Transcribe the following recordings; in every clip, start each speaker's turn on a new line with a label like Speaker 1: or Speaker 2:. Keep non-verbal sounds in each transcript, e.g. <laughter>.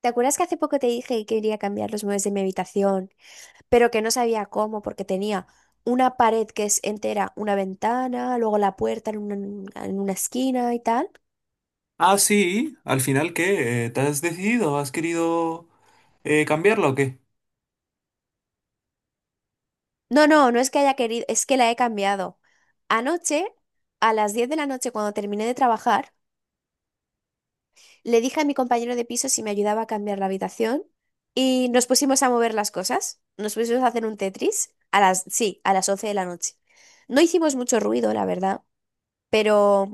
Speaker 1: ¿Te acuerdas que hace poco te dije que quería cambiar los muebles de mi habitación, pero que no sabía cómo porque tenía una pared que es entera, una ventana, luego la puerta en una esquina y tal?
Speaker 2: Ah, sí, al final, ¿qué? ¿Te has decidido? ¿Has querido cambiarla o qué?
Speaker 1: No, no, no es que haya querido, es que la he cambiado. Anoche, a las 10 de la noche, cuando terminé de trabajar, le dije a mi compañero de piso si me ayudaba a cambiar la habitación y nos pusimos a mover las cosas, nos pusimos a hacer un Tetris a las, sí, a las 11 de la noche. No hicimos mucho ruido, la verdad, pero...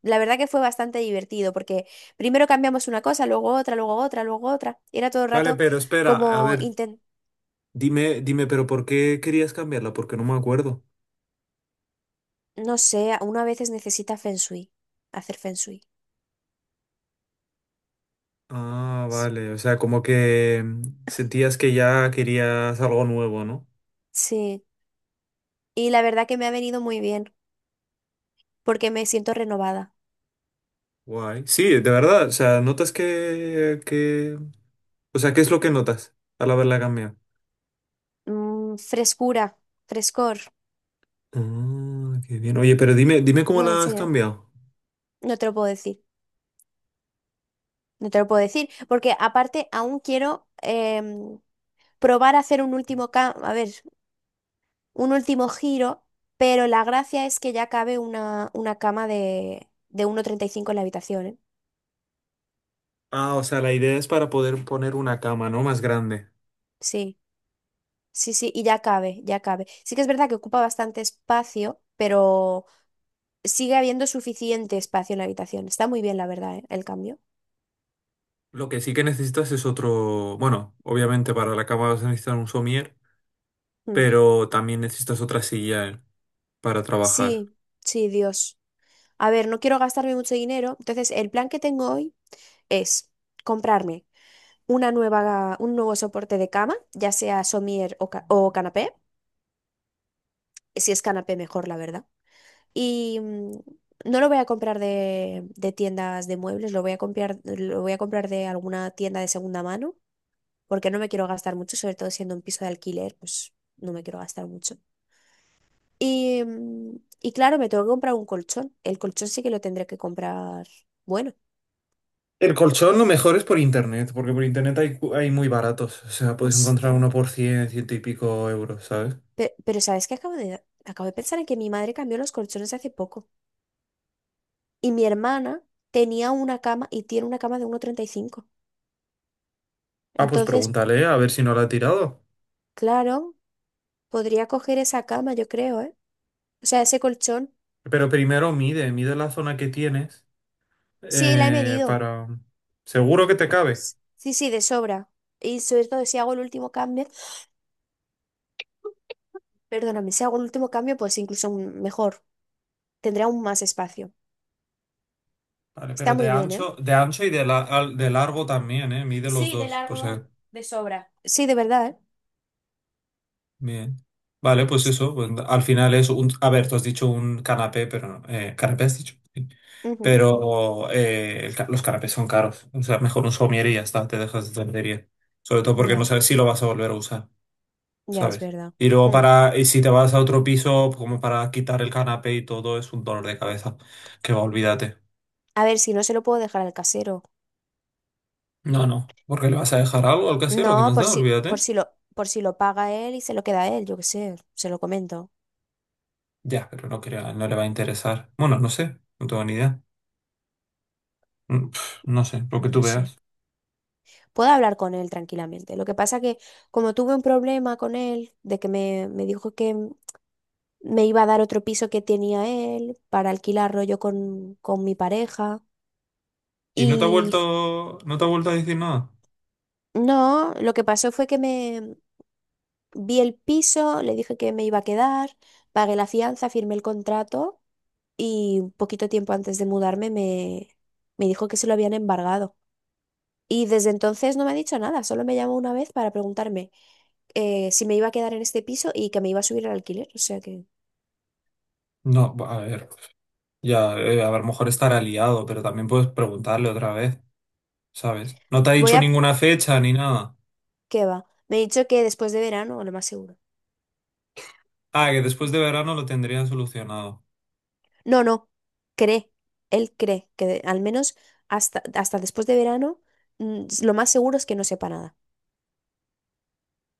Speaker 1: La verdad que fue bastante divertido porque primero cambiamos una cosa, luego otra, luego otra, luego otra. Era todo el
Speaker 2: Vale,
Speaker 1: rato
Speaker 2: pero espera, a
Speaker 1: como
Speaker 2: ver,
Speaker 1: inten-
Speaker 2: dime, pero ¿por qué querías cambiarla? Porque no me acuerdo.
Speaker 1: no sé, uno a veces necesita feng shui, hacer feng shui.
Speaker 2: Ah,
Speaker 1: S-
Speaker 2: vale, o sea, como que sentías que ya querías algo nuevo, ¿no?
Speaker 1: Sí, y la verdad que me ha venido muy bien porque me siento renovada.
Speaker 2: Guay. Sí, de verdad, o sea, notas que... O sea, ¿qué es lo que notas al haberla cambiado?
Speaker 1: Frescura, frescor.
Speaker 2: Ah, qué bien. Oye, pero dime cómo
Speaker 1: No, en
Speaker 2: la has
Speaker 1: serio,
Speaker 2: cambiado.
Speaker 1: no te lo puedo decir. No te lo puedo decir porque aparte aún quiero probar a hacer un último cambio. A ver, un último giro, pero la gracia es que ya cabe una cama de 1,35 en la habitación, ¿eh?
Speaker 2: Ah, o sea, la idea es para poder poner una cama, ¿no? Más grande.
Speaker 1: Sí, sí, sí, y ya cabe, ya cabe. Sí que es verdad que ocupa bastante espacio, pero sigue habiendo suficiente espacio en la habitación. Está muy bien, la verdad, ¿eh? El cambio.
Speaker 2: Lo que sí que necesitas es otro, bueno, obviamente para la cama vas a necesitar un somier,
Speaker 1: Mm.
Speaker 2: pero también necesitas otra silla para trabajar.
Speaker 1: Sí, sí, Dios. A ver, no quiero gastarme mucho dinero, entonces el plan que tengo hoy es comprarme una nueva, un nuevo soporte de cama, ya sea somier o canapé, si es canapé mejor, la verdad. Y mm, no lo voy a comprar de tiendas de muebles, lo voy a comprar de alguna tienda de segunda mano, porque no me quiero gastar mucho, sobre todo siendo un piso de alquiler, pues no me quiero gastar mucho. Y claro, me tengo que comprar un colchón. El colchón sí que lo tendré que comprar. Bueno,
Speaker 2: El colchón lo mejor es por internet, porque por internet hay, hay muy baratos. O sea, puedes encontrar
Speaker 1: ostra.
Speaker 2: uno por 100 ciento y pico euros, ¿sabes?
Speaker 1: Pero, ¿sabes qué? Acabo de pensar en que mi madre cambió los colchones hace poco. Y mi hermana tenía una cama y tiene una cama de 1,35.
Speaker 2: Ah, pues
Speaker 1: Entonces,
Speaker 2: pregúntale a ver si no lo ha tirado.
Speaker 1: claro. Podría coger esa cama, yo creo, ¿eh? O sea, ese colchón.
Speaker 2: Pero primero mide la zona que tienes
Speaker 1: Sí, la he medido.
Speaker 2: para... Seguro que te cabe.
Speaker 1: Sí, sí, de sobra. Y sobre todo si hago el último cambio, perdóname, si hago el último cambio, pues incluso mejor. Tendré aún más espacio.
Speaker 2: Vale,
Speaker 1: Está
Speaker 2: pero de
Speaker 1: muy bien, ¿eh?
Speaker 2: ancho, de largo también, ¿eh? Mide los
Speaker 1: Sí, de
Speaker 2: dos, pues
Speaker 1: largo, de sobra. Sí, de verdad, ¿eh?
Speaker 2: bien. Vale, pues
Speaker 1: S-
Speaker 2: eso, pues, al final es un... A ver, tú has dicho un canapé, pero no... ¿canapé has dicho? Sí.
Speaker 1: Ujú.
Speaker 2: Pero los canapés son caros. O sea, mejor un somier y ya está, te dejas de tontería. Sobre todo porque no
Speaker 1: Ya,
Speaker 2: sabes si lo vas a volver a usar,
Speaker 1: ya es
Speaker 2: ¿sabes?
Speaker 1: verdad.
Speaker 2: Y luego
Speaker 1: Mm.
Speaker 2: para... Y si te vas a otro piso, como para quitar el canapé y todo, es un dolor de cabeza. Que va, olvídate.
Speaker 1: A ver, si no se lo puedo dejar al casero.
Speaker 2: No, no, ¿porque le vas a dejar algo al casero que me
Speaker 1: No,
Speaker 2: has
Speaker 1: por
Speaker 2: dado?
Speaker 1: si, por
Speaker 2: Olvídate.
Speaker 1: si lo, por si lo paga él y se lo queda él, yo qué sé, se lo comento.
Speaker 2: Ya, pero no, no le va a interesar. Bueno, no sé, no tengo ni idea. No sé, lo que
Speaker 1: No
Speaker 2: tú
Speaker 1: lo sé.
Speaker 2: veas.
Speaker 1: Puedo hablar con él tranquilamente. Lo que pasa que como tuve un problema con él, de que me dijo que me iba a dar otro piso que tenía él para alquilarlo yo con mi pareja.
Speaker 2: ¿Y no te ha
Speaker 1: Y f-
Speaker 2: vuelto, no te ha vuelto a decir nada?
Speaker 1: no, lo que pasó fue que me vi el piso, le dije que me iba a quedar, pagué la fianza, firmé el contrato y un poquito tiempo antes de mudarme me dijo que se lo habían embargado. Y desde entonces no me ha dicho nada, solo me llamó una vez para preguntarme si me iba a quedar en este piso y que me iba a subir el alquiler. O sea que
Speaker 2: No, a ver, ya, a lo mejor estará liado, pero también puedes preguntarle otra vez, ¿sabes? No te ha
Speaker 1: voy
Speaker 2: dicho
Speaker 1: a...
Speaker 2: ninguna fecha ni nada.
Speaker 1: ¿Qué va? Me ha dicho que después de verano, lo más seguro.
Speaker 2: Ah, que después de verano lo tendrían solucionado.
Speaker 1: No, no, cree. Él cree que al menos hasta después de verano lo más seguro es que no sepa nada.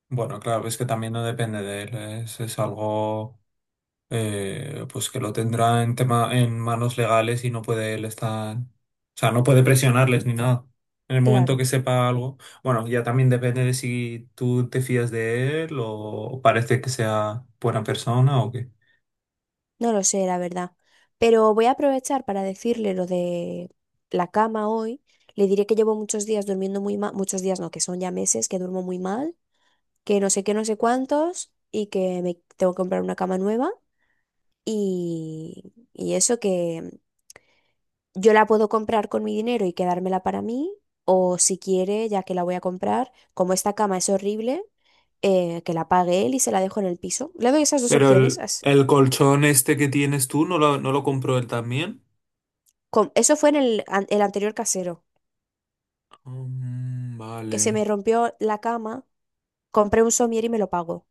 Speaker 2: Bueno, claro, es que también no depende de él, es algo. Pues que lo tendrá en tema, en manos legales y no puede él estar, o sea, no puede presionarles ni nada. En el momento
Speaker 1: Claro,
Speaker 2: que sepa algo, bueno, ya también depende de si tú te fías de él o parece que sea buena persona o qué.
Speaker 1: no lo sé, la verdad. Pero voy a aprovechar para decirle lo de la cama hoy. Le diré que llevo muchos días durmiendo muy mal, muchos días no, que son ya meses que duermo muy mal, que no sé qué, no sé cuántos, y que me tengo que comprar una cama nueva. Y eso que yo la puedo comprar con mi dinero y quedármela para mí, o si quiere, ya que la voy a comprar, como esta cama es horrible, que la pague él y se la dejo en el piso. Le doy esas dos
Speaker 2: Pero
Speaker 1: opciones.
Speaker 2: el colchón este que tienes tú, ¿no lo, no lo compró él también?
Speaker 1: Eso fue en el anterior casero,
Speaker 2: Mm,
Speaker 1: que se me
Speaker 2: vale.
Speaker 1: rompió la cama, compré un somier y me lo pago.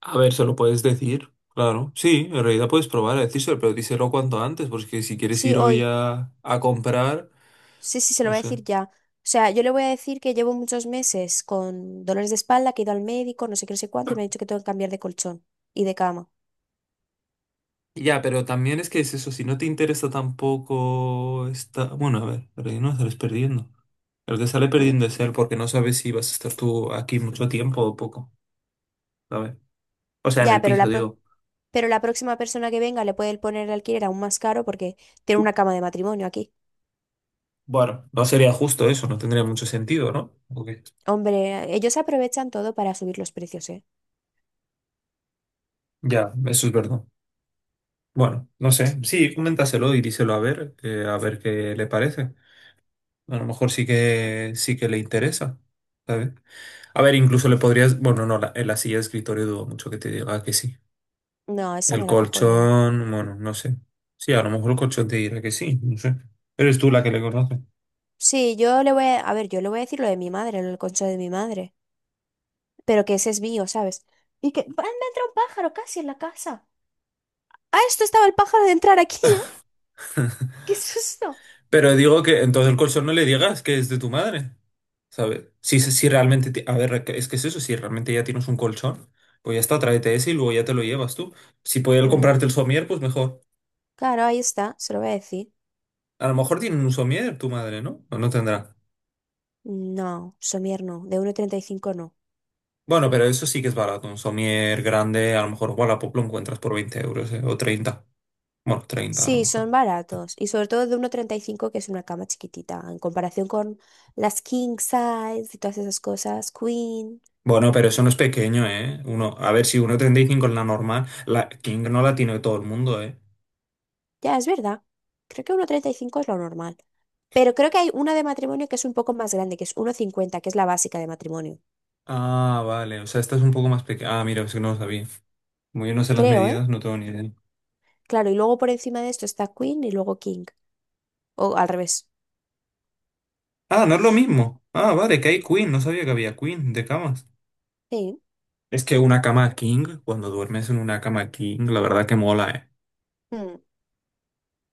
Speaker 2: A ver, se lo puedes decir. Claro, sí, en realidad puedes probar a decírselo, pero díselo cuanto antes, porque si quieres
Speaker 1: Sí,
Speaker 2: ir hoy
Speaker 1: hoy.
Speaker 2: a comprar,
Speaker 1: Sí, sí, se lo
Speaker 2: no
Speaker 1: voy a
Speaker 2: sé.
Speaker 1: decir ya. O sea, yo le voy a decir que llevo muchos meses con dolores de espalda, que he ido al médico, no sé qué, no sé cuánto, y me ha dicho que tengo que cambiar de colchón y de cama.
Speaker 2: Ya, pero también es que es eso, si no te interesa tampoco está, bueno, a ver, pero ahí no sales perdiendo. El que sale
Speaker 1: Mm,
Speaker 2: perdiendo es él porque no sabes si vas a estar tú aquí mucho tiempo o poco, ¿sabes? O sea, en
Speaker 1: ya,
Speaker 2: el
Speaker 1: pero
Speaker 2: piso,
Speaker 1: la, pro-
Speaker 2: digo.
Speaker 1: pero la próxima persona que venga le puede poner el alquiler aún más caro porque tiene una cama de matrimonio aquí.
Speaker 2: Bueno, no sería justo eso, no tendría mucho sentido, ¿no? Ok.
Speaker 1: Hombre, ellos aprovechan todo para subir los precios, ¿eh?
Speaker 2: Ya, eso es verdad. Bueno, no sé. Sí, coméntaselo y díselo a ver qué le parece. A lo mejor sí que le interesa, ¿sabes? A ver, incluso le podrías, bueno, no, en la silla de escritorio dudo mucho que te diga que sí.
Speaker 1: No, esa
Speaker 2: El
Speaker 1: me la cojo yo.
Speaker 2: colchón, bueno, no sé. Sí, a lo mejor el colchón te dirá que sí, no sé. Eres tú la que le conoce.
Speaker 1: Sí, yo le voy a... A ver, yo le voy a decir lo de mi madre, lo del colchón de mi madre, pero que ese es mío, ¿sabes? Y que... ¡Ah, me entra un pájaro casi en la casa! ¡Ah, esto estaba el pájaro de entrar aquí! ¿Eh?
Speaker 2: <laughs>
Speaker 1: ¡Qué susto!
Speaker 2: Pero digo que entonces el colchón no le digas que es de tu madre, ¿sabes? Si, si realmente, a ver, es que es eso, si realmente ya tienes un colchón, pues ya está, tráete ese y luego ya te lo llevas tú. Si pudiera
Speaker 1: Claro,
Speaker 2: comprarte el somier, pues mejor.
Speaker 1: claro, ahí está, se lo voy a decir.
Speaker 2: A lo mejor tiene un somier tu madre, ¿no? O no tendrá.
Speaker 1: No, somier no, de 1,35 no.
Speaker 2: Bueno, pero eso sí que es barato, un somier grande, a lo mejor Wallapop lo encuentras por 20 euros, ¿eh? O 30. Bueno, 30 a lo
Speaker 1: Sí,
Speaker 2: mejor.
Speaker 1: son baratos y sobre todo de 1,35 que es una cama chiquitita en comparación con las king size y todas esas cosas, queen.
Speaker 2: Bueno, pero eso no es pequeño, ¿eh? Uno, a ver, si 1,35 es la normal, la king no la tiene todo el mundo, ¿eh?
Speaker 1: Ya, es verdad. Creo que 1,35 es lo normal. Pero creo que hay una de matrimonio que es un poco más grande, que es 1,50, que es la básica de matrimonio.
Speaker 2: Ah, vale, o sea, esta es un poco más pequeña. Ah, mira, es que no lo sabía. Como yo no sé las
Speaker 1: Creo, ¿eh?
Speaker 2: medidas, no tengo ni idea.
Speaker 1: Claro, y luego por encima de esto está queen y luego king. O al revés.
Speaker 2: Ah, no es lo mismo. Ah, vale, que hay queen, no sabía que había queen de camas.
Speaker 1: Sí.
Speaker 2: Es que una cama king, cuando duermes en una cama king, la verdad que mola, ¿eh?
Speaker 1: Mm.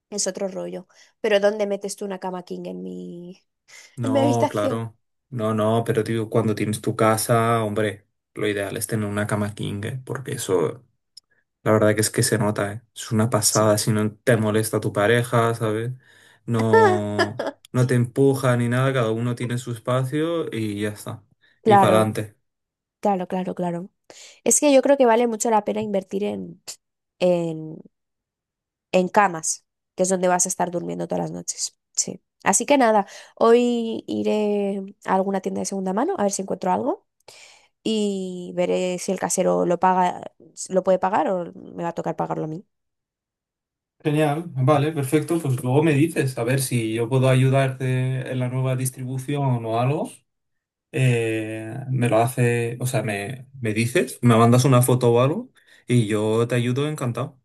Speaker 1: Es otro rollo. Pero ¿dónde metes tú una cama king en mi
Speaker 2: No,
Speaker 1: habitación?
Speaker 2: claro. No, no, pero tío, cuando tienes tu casa, hombre, lo ideal es tener una cama king, ¿eh? Porque eso la verdad que es que se nota, ¿eh? Es una pasada
Speaker 1: Sí.
Speaker 2: si no te molesta tu pareja, ¿sabes? No,
Speaker 1: <laughs>
Speaker 2: no te empuja ni nada, cada uno tiene su espacio y ya está. Y para
Speaker 1: Claro,
Speaker 2: adelante.
Speaker 1: claro, claro, claro. Es que yo creo que vale mucho la pena invertir en, en camas, que es donde vas a estar durmiendo todas las noches. Sí. Así que nada, hoy iré a alguna tienda de segunda mano a ver si encuentro algo y veré si el casero lo paga, lo puede pagar o me va a tocar pagarlo a mí.
Speaker 2: Genial, vale, perfecto. Pues luego me dices, a ver si yo puedo ayudarte en la nueva distribución o algo. Me lo hace, o sea, me dices, me mandas una foto o algo y yo te ayudo encantado.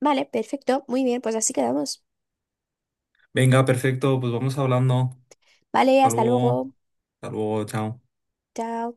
Speaker 1: Vale, perfecto, muy bien, pues así quedamos.
Speaker 2: Venga, perfecto, pues vamos hablando.
Speaker 1: Vale,
Speaker 2: Hasta
Speaker 1: hasta
Speaker 2: luego.
Speaker 1: luego.
Speaker 2: Hasta luego, chao.
Speaker 1: Chao.